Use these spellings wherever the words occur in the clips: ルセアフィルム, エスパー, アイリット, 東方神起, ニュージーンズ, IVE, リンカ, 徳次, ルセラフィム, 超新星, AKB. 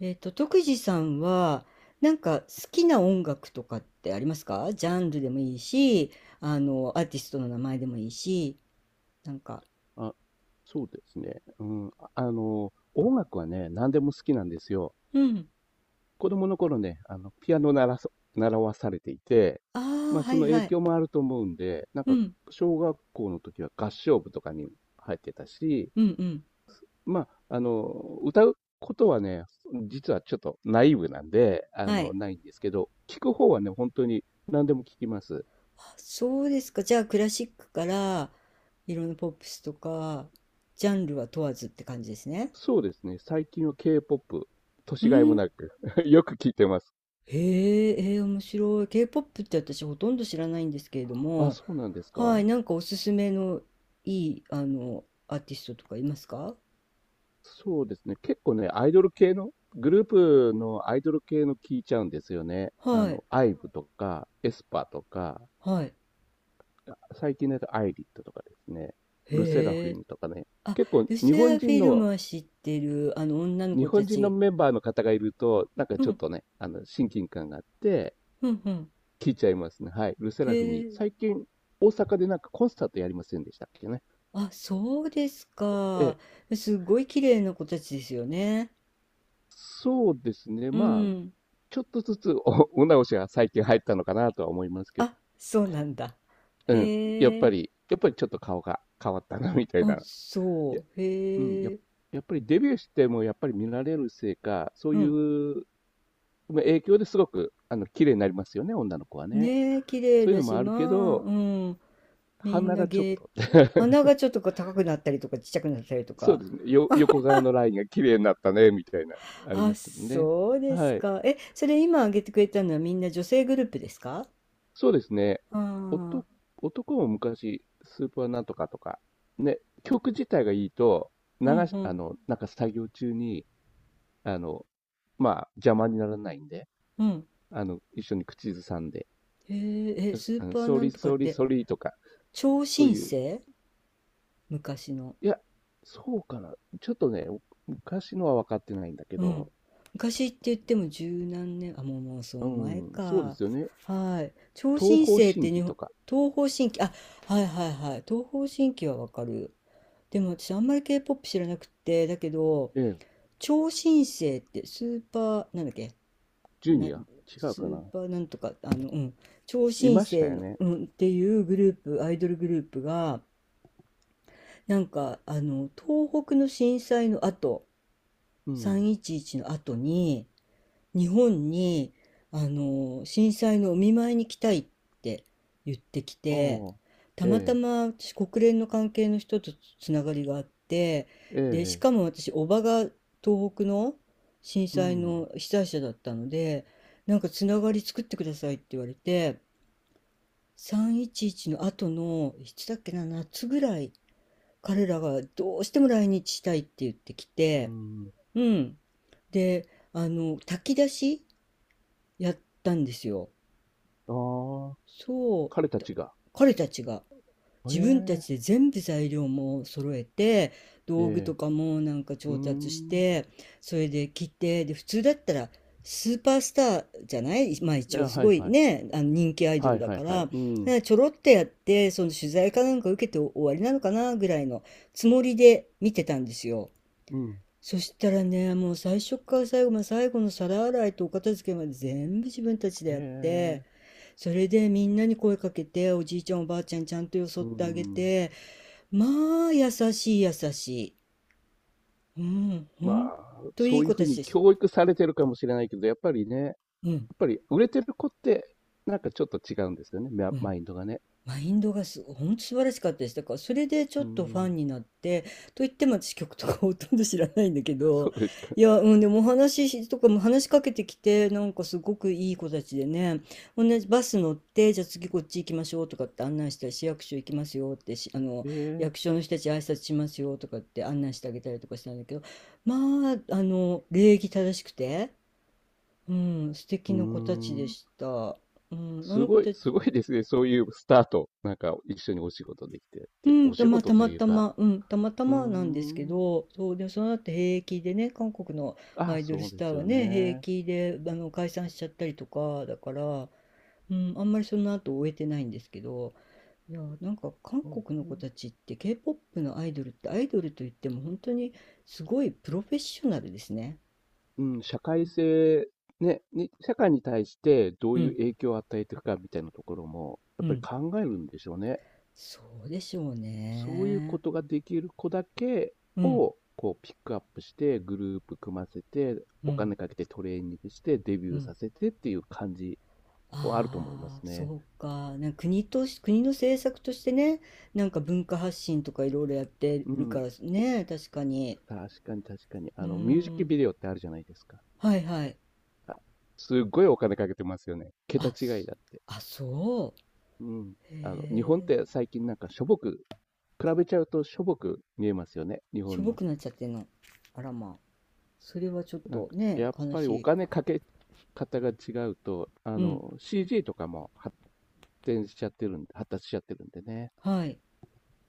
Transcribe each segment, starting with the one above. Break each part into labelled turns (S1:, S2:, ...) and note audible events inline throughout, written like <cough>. S1: 徳次さんは、なんか好きな音楽とかってありますか？ジャンルでもいいし、アーティストの名前でもいいし、なんか、
S2: あ、そうですね。うん。音楽はね、何でも好きなんですよ。
S1: うん。
S2: 子供の頃ね、ピアノ習わされていて、
S1: あ
S2: ま
S1: あ、
S2: あ、
S1: は
S2: そ
S1: い
S2: の影
S1: はい。
S2: 響もあると思うんで、なん
S1: う
S2: か、
S1: ん、
S2: 小学校の時は合唱部とかに入ってたし、
S1: うん。
S2: まあ、あの、歌うことはね、実はちょっとナイーブなんで、
S1: はい。
S2: ないんですけど、聞く方はね、本当に何でも聞きます。
S1: あ、そうですか。じゃあ、クラシックから、いろんなポップスとか、ジャンルは問わずって感じですね。
S2: そうですね。最近は K-POP、
S1: う
S2: 年がいも
S1: ん。
S2: なく <laughs> よく聞いてます。
S1: へえ、面白い。K-POP って私ほとんど知らないんですけれど
S2: あ、
S1: も、
S2: そうなんです
S1: はい、
S2: か。
S1: なんかおすすめのいい、アーティストとかいますか？
S2: そうですね。結構ね、アイドル系の、グループのアイドル系の聞いちゃうんですよね。
S1: はい、
S2: IVE とか、エスパーとか、
S1: はい。
S2: 最近だとアイリットとかですね。ルセラフ
S1: へ
S2: ィ
S1: え。
S2: ムとかね。
S1: あ、
S2: 結構
S1: ルセアフィルムは知ってる、女の
S2: 日
S1: 子た
S2: 本人の
S1: ち。
S2: メンバーの方がいると、なんか
S1: う
S2: ちょっ
S1: ん、
S2: とね、親近感があって、
S1: うん。
S2: 聞いちゃいますね。はい。ルセラフィ
S1: へ
S2: ム、
S1: え。
S2: 最近、大阪でなんかコンサートやりませんでしたっけね。
S1: あ、そうです
S2: え
S1: か。
S2: え。
S1: すごい綺麗な子たちですよね。
S2: そうですね。
S1: う
S2: まあ、
S1: ん。
S2: ちょっとずつお直しが最近入ったのかなとは思いますけど。
S1: あ、そうなんだ。
S2: うん、やっ
S1: へ
S2: ぱ
S1: え。
S2: り、やっぱりちょっと顔が変わったな、みたい
S1: あ、
S2: な。
S1: そ
S2: いや、
S1: う。
S2: うん、や
S1: へ
S2: っ
S1: え。
S2: やっぱりデビューしてもやっぱり見られるせいか、そう
S1: う
S2: い
S1: ん。
S2: うまあ影響ですごく、綺麗になりますよね、女の子はね。
S1: ねえ、綺麗
S2: そういう
S1: だ
S2: のも
S1: し、
S2: ある
S1: まあ、
S2: けど、
S1: うん、みん
S2: 鼻
S1: な
S2: がちょっ
S1: 芸、
S2: と、
S1: 鼻
S2: <laughs>
S1: がちょっとこう高くなったりとか、ちっちゃくなったりと
S2: そう
S1: か。
S2: ですね、横顔のラインが綺麗になったね、みたいな、あり
S1: あ、
S2: ますけどね。
S1: そうです
S2: はい。
S1: か。え、それ今挙げてくれたのはみんな女性グループですか？
S2: そうですね。
S1: ああ、
S2: 男、男も昔、スーパーなんとかとか、ね、曲自体がいいと、流
S1: うん
S2: し、
S1: う
S2: あ
S1: ん、
S2: の、なんか作業中に、あの、まあ、邪魔にならないんで、
S1: うん。
S2: 一緒に口ずさんで、
S1: へえ、え、スーパー
S2: ソ
S1: なん
S2: リ
S1: とかっ
S2: ソリ
S1: て、
S2: ソリとか、
S1: 超
S2: そう
S1: 新
S2: いう、
S1: 星？昔の。
S2: いや、そうかな。ちょっとね、昔のは分かってないんだけ
S1: うん。
S2: ど、
S1: 昔って言っても十何年、あ、もうその
S2: う
S1: 前
S2: ん、そうで
S1: か。
S2: すよね。
S1: はい。超
S2: 東
S1: 新
S2: 方
S1: 星って
S2: 神起
S1: 日本、
S2: とか、
S1: 東方神起、あ、はいはいはい。東方神起はわかる。でも私あんまり K-POP 知らなくって、だけど、
S2: ええ、
S1: 超新星ってスーパー、なんだっけ、
S2: ジュ
S1: な、
S2: ニア違う
S1: ス
S2: か
S1: ー
S2: な。
S1: パーなんとか、うん、超
S2: い
S1: 新
S2: ました
S1: 星
S2: よ
S1: の、
S2: ね。
S1: うん、っていうグループ、アイドルグループが、東北の震災の後、
S2: うん。
S1: 311の後に、日本に、震災のお見舞いに来たいって言ってき
S2: あ
S1: て、
S2: あ、
S1: たまた
S2: え
S1: ま私国連の関係の人とつながりがあって、
S2: え、
S1: で、し
S2: ええ、
S1: かも私、叔母が東北の震
S2: う
S1: 災
S2: ん、
S1: の被災者だったので、なんかつながり作ってくださいって言われて、311の後の、いつだっけな、夏ぐらい、彼らがどうしても来日したいって言ってき
S2: う
S1: て、
S2: ん。
S1: うん。で、炊き出しやったんですよ。
S2: ああ、
S1: そう。
S2: 彼た
S1: だ
S2: ちが。
S1: 彼たちが自分たちで
S2: え
S1: 全部材料も揃えて、
S2: え、え
S1: 道具と
S2: え、
S1: かもなんか
S2: うー
S1: 調達し
S2: ん。
S1: て、それで切って、で、普通だったらスーパースターじゃないまあ
S2: え
S1: 一
S2: え、
S1: 応す
S2: は
S1: ご
S2: い
S1: い
S2: はい。
S1: ね、あの人気アイド
S2: は
S1: ル
S2: い
S1: だ
S2: はい
S1: か
S2: はい。
S1: ら、
S2: うん、
S1: ねちょろっとやって、その取材かなんか受けて終わりなのかなぐらいのつもりで見てたんですよ。
S2: うん。
S1: そしたらね、もう最初から最後まで最後の皿洗いとお片付けまで全部自分たちで
S2: え
S1: やって、
S2: え。
S1: それでみんなに声かけて、おじいちゃんおばあちゃんちゃんとよそ
S2: う
S1: っ
S2: ー
S1: てあげ
S2: ん。
S1: て、まあ優しい優しい。うん、ほ
S2: まあ、
S1: んとい
S2: そ
S1: い
S2: ういう
S1: 子た
S2: 風
S1: ち
S2: に
S1: でした。
S2: 教育されてるかもしれないけど、やっぱりね、やっ
S1: うん、
S2: ぱり売れてる子って、なんかちょっと違うんですよね、マ
S1: うん。
S2: マインドがね。
S1: マインドがす、本当素晴らしかったです。だからそれでち
S2: う
S1: ょっ
S2: ー
S1: とファン
S2: ん。
S1: になって、と言っても私曲とかほとんど知らないんだけど、
S2: そうですか。
S1: いや、うん、でもお話しとかも話しかけてきて、なんかすごくいい子たちでね、同じバス乗って、じゃあ次こっち行きましょうとかって案内したり、市役所行きますよってし、
S2: へえ。
S1: 役所の人たち挨拶しますよとかって案内してあげたりとかしたんだけど、まあ、礼儀正しくて、うん、素
S2: う
S1: 敵
S2: ー
S1: な子たちで
S2: ん。
S1: した。うん、あ
S2: す
S1: の子
S2: ごい
S1: たち、
S2: すごいですね、そういうスタート。なんか一緒にお仕事できてっ
S1: う
S2: て、
S1: ん、
S2: お
S1: と、
S2: 仕
S1: まあ、
S2: 事
S1: た
S2: と
S1: ま
S2: いう
S1: た
S2: か、
S1: ま、うん、たまた
S2: うー
S1: まなんですけ
S2: ん。
S1: ど、そう、で、その後平気でね、韓国の
S2: あ
S1: ア
S2: あ、
S1: イドル
S2: そう
S1: ス
S2: で
S1: ター
S2: す
S1: は
S2: よ
S1: ね、平
S2: ね。
S1: 気で、解散しちゃったりとか、だから、うん、あんまりその後終えてないんですけど、いや、なんか韓
S2: そう
S1: 国の子
S2: ね。
S1: たちって K-POP のアイドルってアイドルといっても本当にすごいプロフェッショナルですね。
S2: うん、社会性、ね、に社会に対してど
S1: う
S2: ういう
S1: ん、
S2: 影響を与えていくかみたいなところも、や
S1: う
S2: っ
S1: ん、
S2: ぱり考えるんでしょうね。
S1: そうでしょう
S2: そういう
S1: ね。
S2: ことができる子だけ
S1: うん、
S2: を、こうピックアップして、グループ組ませて、
S1: う
S2: お
S1: ん、
S2: 金かけてトレーニングして、デビ
S1: う
S2: ュー
S1: ん。
S2: させてっていう感じはあると思いま
S1: ああ、
S2: す
S1: そ
S2: ね。
S1: うか。なんか国とし、国の政策としてね、なんか文化発信とかいろいろやって
S2: う
S1: るか
S2: ん。
S1: らね、確かに。
S2: 確かに確かに。
S1: うー
S2: ミュージック
S1: ん。
S2: ビデオってあるじゃないですか。
S1: はいはい。
S2: あ、すっごいお金かけてますよね。桁
S1: あ、
S2: 違い
S1: す、
S2: だって。
S1: あ、そ
S2: うん。
S1: う。
S2: 日本っ
S1: へえ。
S2: て最近なんかしょぼく、比べちゃうとしょぼく見えますよね、日
S1: しょ
S2: 本
S1: ぼ
S2: の。
S1: くなっちゃってんの。あらまあ。それはちょっ
S2: なん
S1: と
S2: か、
S1: ね、
S2: やっ
S1: 悲
S2: ぱりお
S1: しい。
S2: 金かけ方が違うと、
S1: うん。
S2: CG とかも展しちゃってるんで、発達しちゃってるんでね。
S1: はい。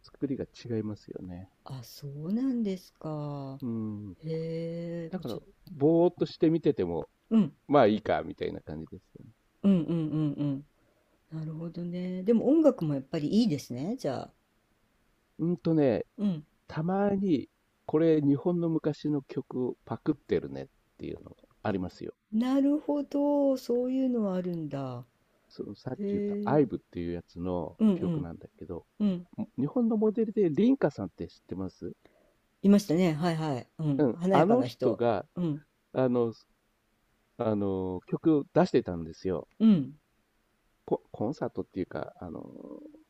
S2: 作りが違いますよね。
S1: あ、そうなんですか。
S2: うん。
S1: へ
S2: だ
S1: え。
S2: か
S1: ち
S2: ら、
S1: ょ、
S2: ぼーっとして見てても、
S1: うん。
S2: まあいいか、みたいな感じですよね。
S1: うん。なるほどね。でも音楽もやっぱりいいですね、じゃあ。
S2: うんとね、
S1: うん。
S2: たまに、これ日本の昔の曲をパクってるねっていうのがありますよ。
S1: なるほど、そういうのはあるんだ。
S2: そのさっき言った
S1: へ
S2: ア
S1: え。
S2: イブっていうやつの
S1: うんう
S2: 曲
S1: ん
S2: なんだけど、
S1: うん。
S2: 日本のモデルでリンカさんって知ってます？
S1: いましたね。はいはい。う
S2: う
S1: ん。
S2: ん。
S1: 華や
S2: あ
S1: か
S2: の
S1: な
S2: 人
S1: 人。
S2: が、
S1: うん。
S2: あの、曲を出してたんですよ。
S1: うん
S2: コンサートっていうか、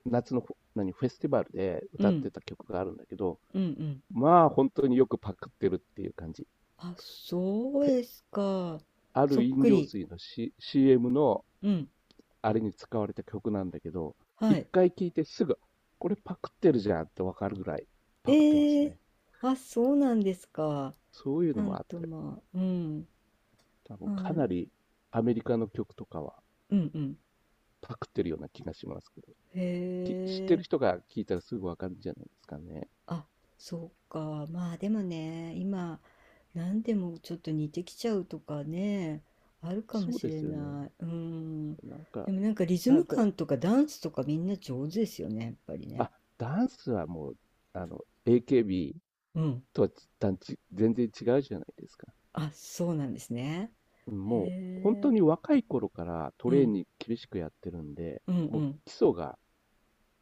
S2: 夏のフェスティバルで
S1: う
S2: 歌って
S1: ん
S2: た曲があるんだけど、
S1: うん。
S2: まあ本当によくパクってるっていう感じ。
S1: あ、そう
S2: ペ
S1: ですか。
S2: あ
S1: そ
S2: る
S1: っ
S2: 飲
S1: く
S2: 料
S1: り。
S2: 水の、CM の
S1: うん。
S2: あれに使われた曲なんだけど、
S1: は
S2: 一
S1: い。
S2: 回聴いてすぐ、これパクってるじゃんってわかるぐらいパクってます
S1: ええ。
S2: ね。
S1: あ、そうなんですか。
S2: そういう
S1: な
S2: のも
S1: ん
S2: あっ
S1: と
S2: て、
S1: まあ、うん。
S2: 多分
S1: まあ、う
S2: かな
S1: ん、
S2: りアメリカの曲とかは
S1: うん。
S2: パクってるような気がしますけど、知っ
S1: へ
S2: てる
S1: え。
S2: 人が聴いたらすぐわかるんじゃないですかね。
S1: あ、そうか。まあでもね、今、何でもちょっと似てきちゃうとかね、あるかも
S2: そう
S1: し
S2: で
S1: れ
S2: すよね。
S1: ない。うん。
S2: なん
S1: で
S2: か、
S1: もなんかリズ
S2: だ、
S1: ム
S2: だ、
S1: 感とかダンスとかみんな上手ですよね、やっぱりね。
S2: あ、ダンスはもう、あの、AKB
S1: うん。
S2: とは全然違うじゃないですか。
S1: あ、そうなんですね。
S2: うん
S1: へ
S2: もう、本当
S1: え。
S2: に若い頃からト
S1: う
S2: レー
S1: ん。
S2: ニング厳しくやってるんで、
S1: うんう
S2: もう
S1: ん
S2: 基礎が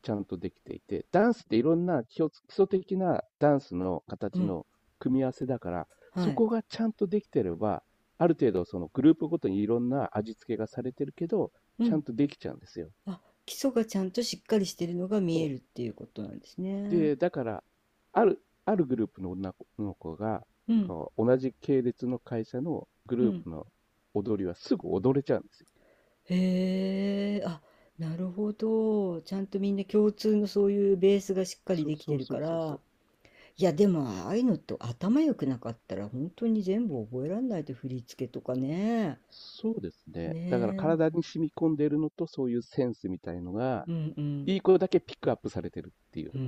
S2: ちゃんとできていて、ダンスっていろんな基礎的なダンスの
S1: う
S2: 形
S1: ん。
S2: の組み合わせだから、
S1: は
S2: そ
S1: い。
S2: こがちゃんとできてれば、ある程度そのグループごとにいろんな味付けがされてるけど、
S1: う
S2: ちゃ
S1: ん。
S2: んとできちゃうんですよ。
S1: あ、基礎がちゃんとしっかりしてるのが見
S2: そ
S1: え
S2: う。
S1: るっていうことなんですね。
S2: で、だから、ある、あるグループの女の子が、
S1: うん。
S2: こう、同じ系列の会社のグ
S1: う
S2: ルー
S1: ん。
S2: プの踊りはすぐ踊れちゃうんですよ。
S1: へえ、あ、なるほど。ちゃんとみんな共通のそういうベースがしっかりできて
S2: そう
S1: るか
S2: そうそうそ
S1: ら。
S2: う。
S1: いや、でもああいうのって頭良くなかったら本当に全部覚えられないと振り付けとかね。
S2: そうですね。
S1: ね
S2: だから
S1: え。
S2: 体に染み込んでいるのと、そういうセンスみたいのが、
S1: うんうん。
S2: いい子だけピックアップされてるっていうよ
S1: うー
S2: うな。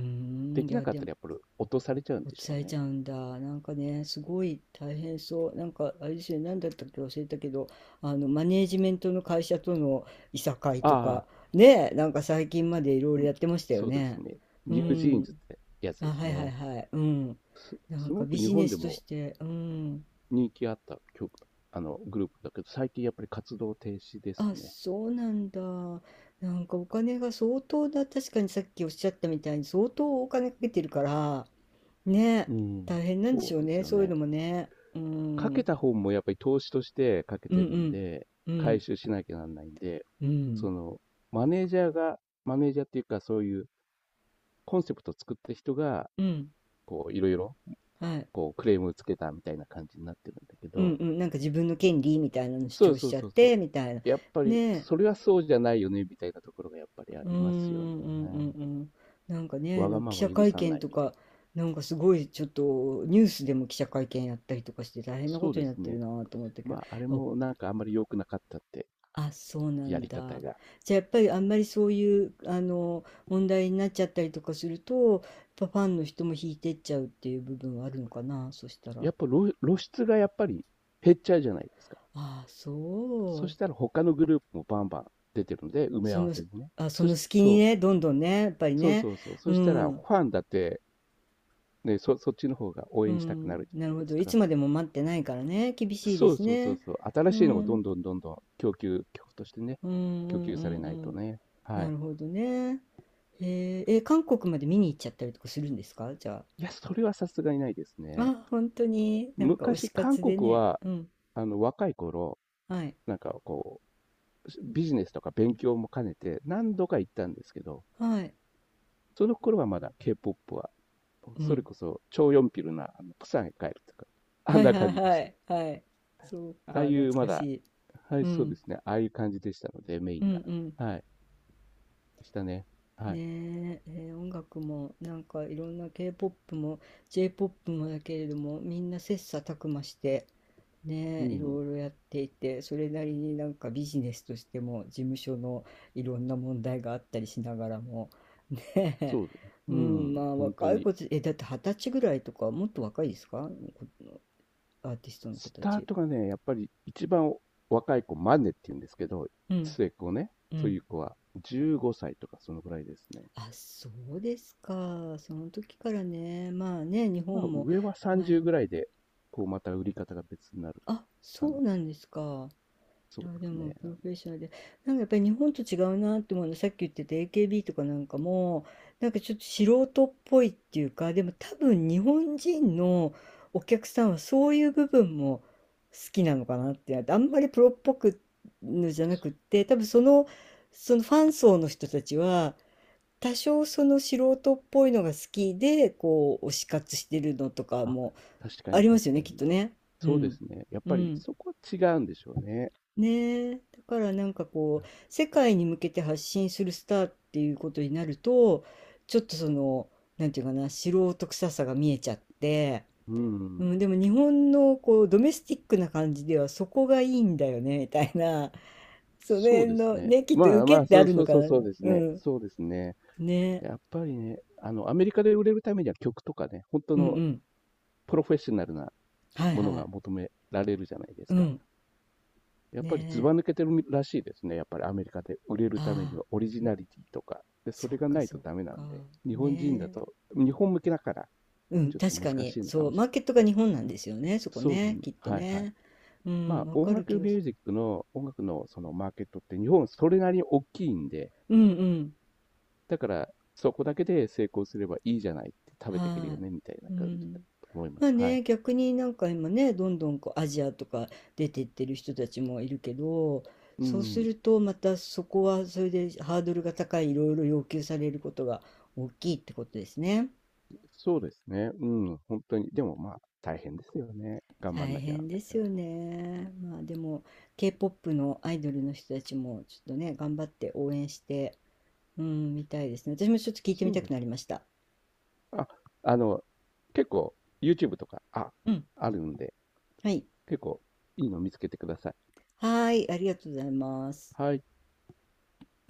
S2: で
S1: い
S2: きな
S1: や、
S2: かっ
S1: で
S2: た
S1: も
S2: らやっぱり落とされちゃうん
S1: 落
S2: でし
S1: ちさ
S2: ょう
S1: れ
S2: ね。
S1: ちゃうんだ。なんかね、すごい大変そう。なんかあれですよね、何だったっけ忘れたけど、あのマネージメントの会社とのいさかいと
S2: あ
S1: か、ねえ、なんか最近までいろいろ
S2: あ、
S1: やってましたよ
S2: そうです
S1: ね。
S2: ね。
S1: う
S2: ニュージーンズっ
S1: ん。
S2: てやつ
S1: あ、
S2: です
S1: はいはい
S2: ね。
S1: はい。うん。な
S2: す
S1: んか
S2: ご
S1: ビ
S2: く日
S1: ジネ
S2: 本で
S1: スとし
S2: も
S1: て、うん。
S2: 人気あった曲、グループだけど、最近やっぱり活動停止です
S1: あ、
S2: ね。
S1: そうなんだ。なんかお金が相当だ。確かにさっきおっしゃったみたいに相当お金かけてるから、ね、
S2: うん。
S1: 大変なん
S2: そ
S1: でしょ
S2: う
S1: う
S2: です
S1: ね。
S2: よ
S1: そういう
S2: ね。
S1: のもね。うん。
S2: か
S1: う
S2: け
S1: ん
S2: た方もやっぱり投資としてかけ
S1: う
S2: てるん
S1: ん。
S2: で、
S1: う
S2: 回
S1: ん。
S2: 収しなきゃなんないんで、
S1: う
S2: そ
S1: ん。
S2: の、マネージャーが、マネージャーっていうかそういうコンセプトを作った人が、
S1: うん。
S2: こう、いろいろ、
S1: はい。
S2: こう、クレームをつけたみたいな感じになってるんだけ
S1: うんうんうん、
S2: ど、
S1: はい、うんうん、なんか自分の権利みたいなの主
S2: そう
S1: 張し
S2: そう
S1: ちゃっ
S2: そうそう。
S1: て、みたいな。
S2: やっぱり、
S1: ね、
S2: それはそうじゃないよね、みたいなところがやっぱりあ
S1: うーん、う
S2: りますよね。
S1: んうんうん、なんかね、
S2: わ
S1: な
S2: が
S1: んか
S2: ま
S1: 記
S2: ま
S1: 者
S2: 許
S1: 会
S2: さな
S1: 見
S2: い
S1: と
S2: みたい
S1: か、
S2: な。
S1: なんかすごいちょっとニュースでも記者会見やったりとかして大変なこ
S2: そう
S1: と
S2: で
S1: になっ
S2: す
S1: てる
S2: ね。
S1: なと思ったけ
S2: ま
S1: ど、
S2: あ、あれ
S1: お、
S2: もなんかあんまり良くなかったって、
S1: あ、そうな
S2: や
S1: ん
S2: り方
S1: だ。
S2: が。
S1: じゃあやっぱりあんまりそういうあの問題になっちゃったりとかするとやっぱファンの人も引いてっちゃうっていう部分はあるのかな、そしたら、
S2: やっぱ露出がやっぱり減っちゃうじゃないですか。
S1: ああ、
S2: そ
S1: そ
S2: し
S1: う、
S2: たら他のグループもバンバン出てるんで、埋め
S1: そ、
S2: 合わ
S1: の
S2: せでね。
S1: あ、その隙に
S2: そう、
S1: ねどんどんねやっぱり
S2: そう
S1: ね、
S2: そうそう。
S1: う
S2: そしたらフ
S1: ん、
S2: ァンだって、ね、そっちの方が応
S1: う
S2: 援したくなる
S1: ん、
S2: じ
S1: なる
S2: ゃない
S1: ほ
S2: です
S1: ど。いつ
S2: か。
S1: までも待ってないからね。厳しいで
S2: そう
S1: す
S2: そうそう
S1: ね。
S2: そう。新
S1: う
S2: しいのがどん
S1: ん、
S2: どんどんどん曲としてね、
S1: うん、う
S2: 供
S1: ん、
S2: 給され
S1: う
S2: ないと
S1: ん、
S2: ね。
S1: う
S2: は
S1: ん。な
S2: い。
S1: るほどね。へえー、え、韓国まで見に行っちゃったりとかするんですか、じゃ
S2: いや、それはさすがにないです
S1: あ？
S2: ね。
S1: あ、本当に、なんか推
S2: 昔、
S1: し
S2: 韓
S1: 活で
S2: 国
S1: ね。
S2: は、
S1: うん。
S2: 若い頃、
S1: はい。
S2: なんかこう、ビジネスとか勉強も兼ねて何度か行ったんですけど、
S1: はい。
S2: その頃はまだ K-POP は、
S1: う
S2: それ
S1: ん。
S2: こそ超ヨンピルな、プサンへ帰るとか、あ
S1: は
S2: ん
S1: い
S2: な
S1: は
S2: 感
S1: い
S2: じで
S1: は
S2: した。
S1: い。はい。そう
S2: ああ
S1: か、
S2: い
S1: 懐
S2: うま
S1: かし
S2: だ、
S1: い。
S2: はい、
S1: う
S2: そうで
S1: ん。
S2: すね。ああいう感じでしたので、メイ
S1: うん
S2: ン
S1: う
S2: が。
S1: ん、
S2: はい、でしたね。はい。
S1: ねえ、音楽もなんかいろんな K-POP も J-POP もだけれどもみんな切磋琢磨して、
S2: う
S1: ねえ、い
S2: ん、
S1: ろいろやっていてそれなりになんかビジネスとしても事務所のいろんな問題があったりしながらも、ねえ、
S2: そうですね。
S1: う
S2: う
S1: ん、ま
S2: ん、
S1: あ
S2: 本当
S1: 若い
S2: に。
S1: 子たちえだって二十歳ぐらいとかもっと若いですか？こ、アーティストの子
S2: ス
S1: た
S2: ター
S1: ち。
S2: トがね、やっぱり一番若い子、マネって言うんですけど、
S1: うん
S2: 末っ子ね、
S1: う
S2: そうい
S1: ん、
S2: う子は15歳とかそのぐらいですね。
S1: あ、そうですか。その時からね、まあね、日
S2: まあ、
S1: 本も
S2: 上は
S1: ア
S2: 30
S1: イ、
S2: ぐらいで、こう、また売り方が別になる。
S1: あ、
S2: あ
S1: そう
S2: の、
S1: なんですか。
S2: そ
S1: い
S2: う
S1: や、
S2: で
S1: で
S2: す
S1: もプロ
S2: ね。
S1: フェッショナルで、なんかやっぱり日本と違うなって思うの、さっき言ってた AKB とかなんかも、なんかちょっと素人っぽいっていうか、でも多分日本人のお客さんはそういう部分も好きなのかなって、あんまりプロっぽくのじゃなくって、多分その、そのファン層の人たちは、多少その素人っぽいのが好きで、こう、推し活してるのとか
S2: あ、
S1: も
S2: 確か
S1: あ
S2: に
S1: りま
S2: 確
S1: すよ
S2: か
S1: ね、
S2: に。
S1: きっとね。う
S2: そうで
S1: ん。
S2: すね。やっ
S1: う
S2: ぱり
S1: ん。
S2: そこは違うんでしょうね。
S1: ねえ、だからなんかこう世界に向けて発信するスターっていうことになるとちょっとその、なんていうかな、素人臭さが見えちゃって、
S2: う
S1: う
S2: ん。
S1: ん、でも日本のこうドメスティックな感じではそこがいいんだよねみたいな <laughs> その
S2: そう
S1: 辺
S2: です
S1: の
S2: ね。
S1: ねきっと
S2: ま
S1: 受
S2: あ
S1: け
S2: まあ、
S1: って
S2: そ
S1: あ
S2: う
S1: る
S2: そ
S1: の
S2: う
S1: か
S2: そう
S1: な。
S2: そうです
S1: う
S2: ね。
S1: ん、
S2: そうですね。
S1: ねえ、
S2: やっぱりね、アメリカで売れるためには曲とかね、本当
S1: うんう
S2: の
S1: ん、
S2: プロフェッショナルな
S1: はい
S2: もの
S1: は
S2: が
S1: い、
S2: 求められるじゃないです
S1: う
S2: か。
S1: ん、
S2: やっ
S1: ね
S2: ぱりずば抜
S1: え、
S2: けてるらしいですね。やっぱりアメリカで売れるために
S1: あ
S2: はオリジ
S1: あ、う、
S2: ナリティとか。で、そ
S1: そ
S2: れ
S1: っ
S2: が
S1: か
S2: ない
S1: そ
S2: と
S1: っ
S2: ダメな
S1: か、
S2: んで、日本人だ
S1: ね
S2: と、
S1: え、
S2: 日本向けだから、
S1: うん、
S2: ちょっと
S1: 確か
S2: 難し
S1: に。
S2: いのか
S1: そう、
S2: もしれ
S1: マ
S2: な
S1: ーケッ
S2: い。
S1: トが日本なんですよね、そこ
S2: そうです
S1: ね、
S2: ね。
S1: きっと
S2: はいはい。
S1: ね。う
S2: ま
S1: ん、
S2: あ、
S1: わ
S2: 音
S1: かる気
S2: 楽
S1: が
S2: ミ
S1: し、
S2: ュージックの、音楽のそのマーケットって日本それなりに大きいんで、
S1: うんうん、
S2: だからそこだけで成功すればいいじゃないって食べていけるよ
S1: は
S2: ね、みたいな
S1: い。う
S2: 感じだ
S1: ん。
S2: と思いま
S1: まあ
S2: す。はい。
S1: ね、逆になんか今ね、どんどんこうアジアとか出てってる人たちもいるけど、
S2: う
S1: そうす
S2: ん。
S1: るとまたそこはそれでハードルが高い、いろいろ要求されることが大きいってことですね。
S2: そうですね。うん。本当に。でもまあ、大変ですよね。頑張ん
S1: 大
S2: なきゃな
S1: 変
S2: んな
S1: で
S2: いか
S1: す
S2: ら。
S1: よね。まあでも K-POP のアイドルの人たちもちょっとね、頑張って応援して、うん、みたいですね。私もちょっと聞いて
S2: そ
S1: み
S2: う
S1: た
S2: ですね。
S1: くなりました。
S2: あ、あの、結構 YouTube とか、
S1: うん。
S2: あるんで、
S1: はい。
S2: 結構いいの見つけてください。
S1: はーい、ありがとうございます。
S2: はい。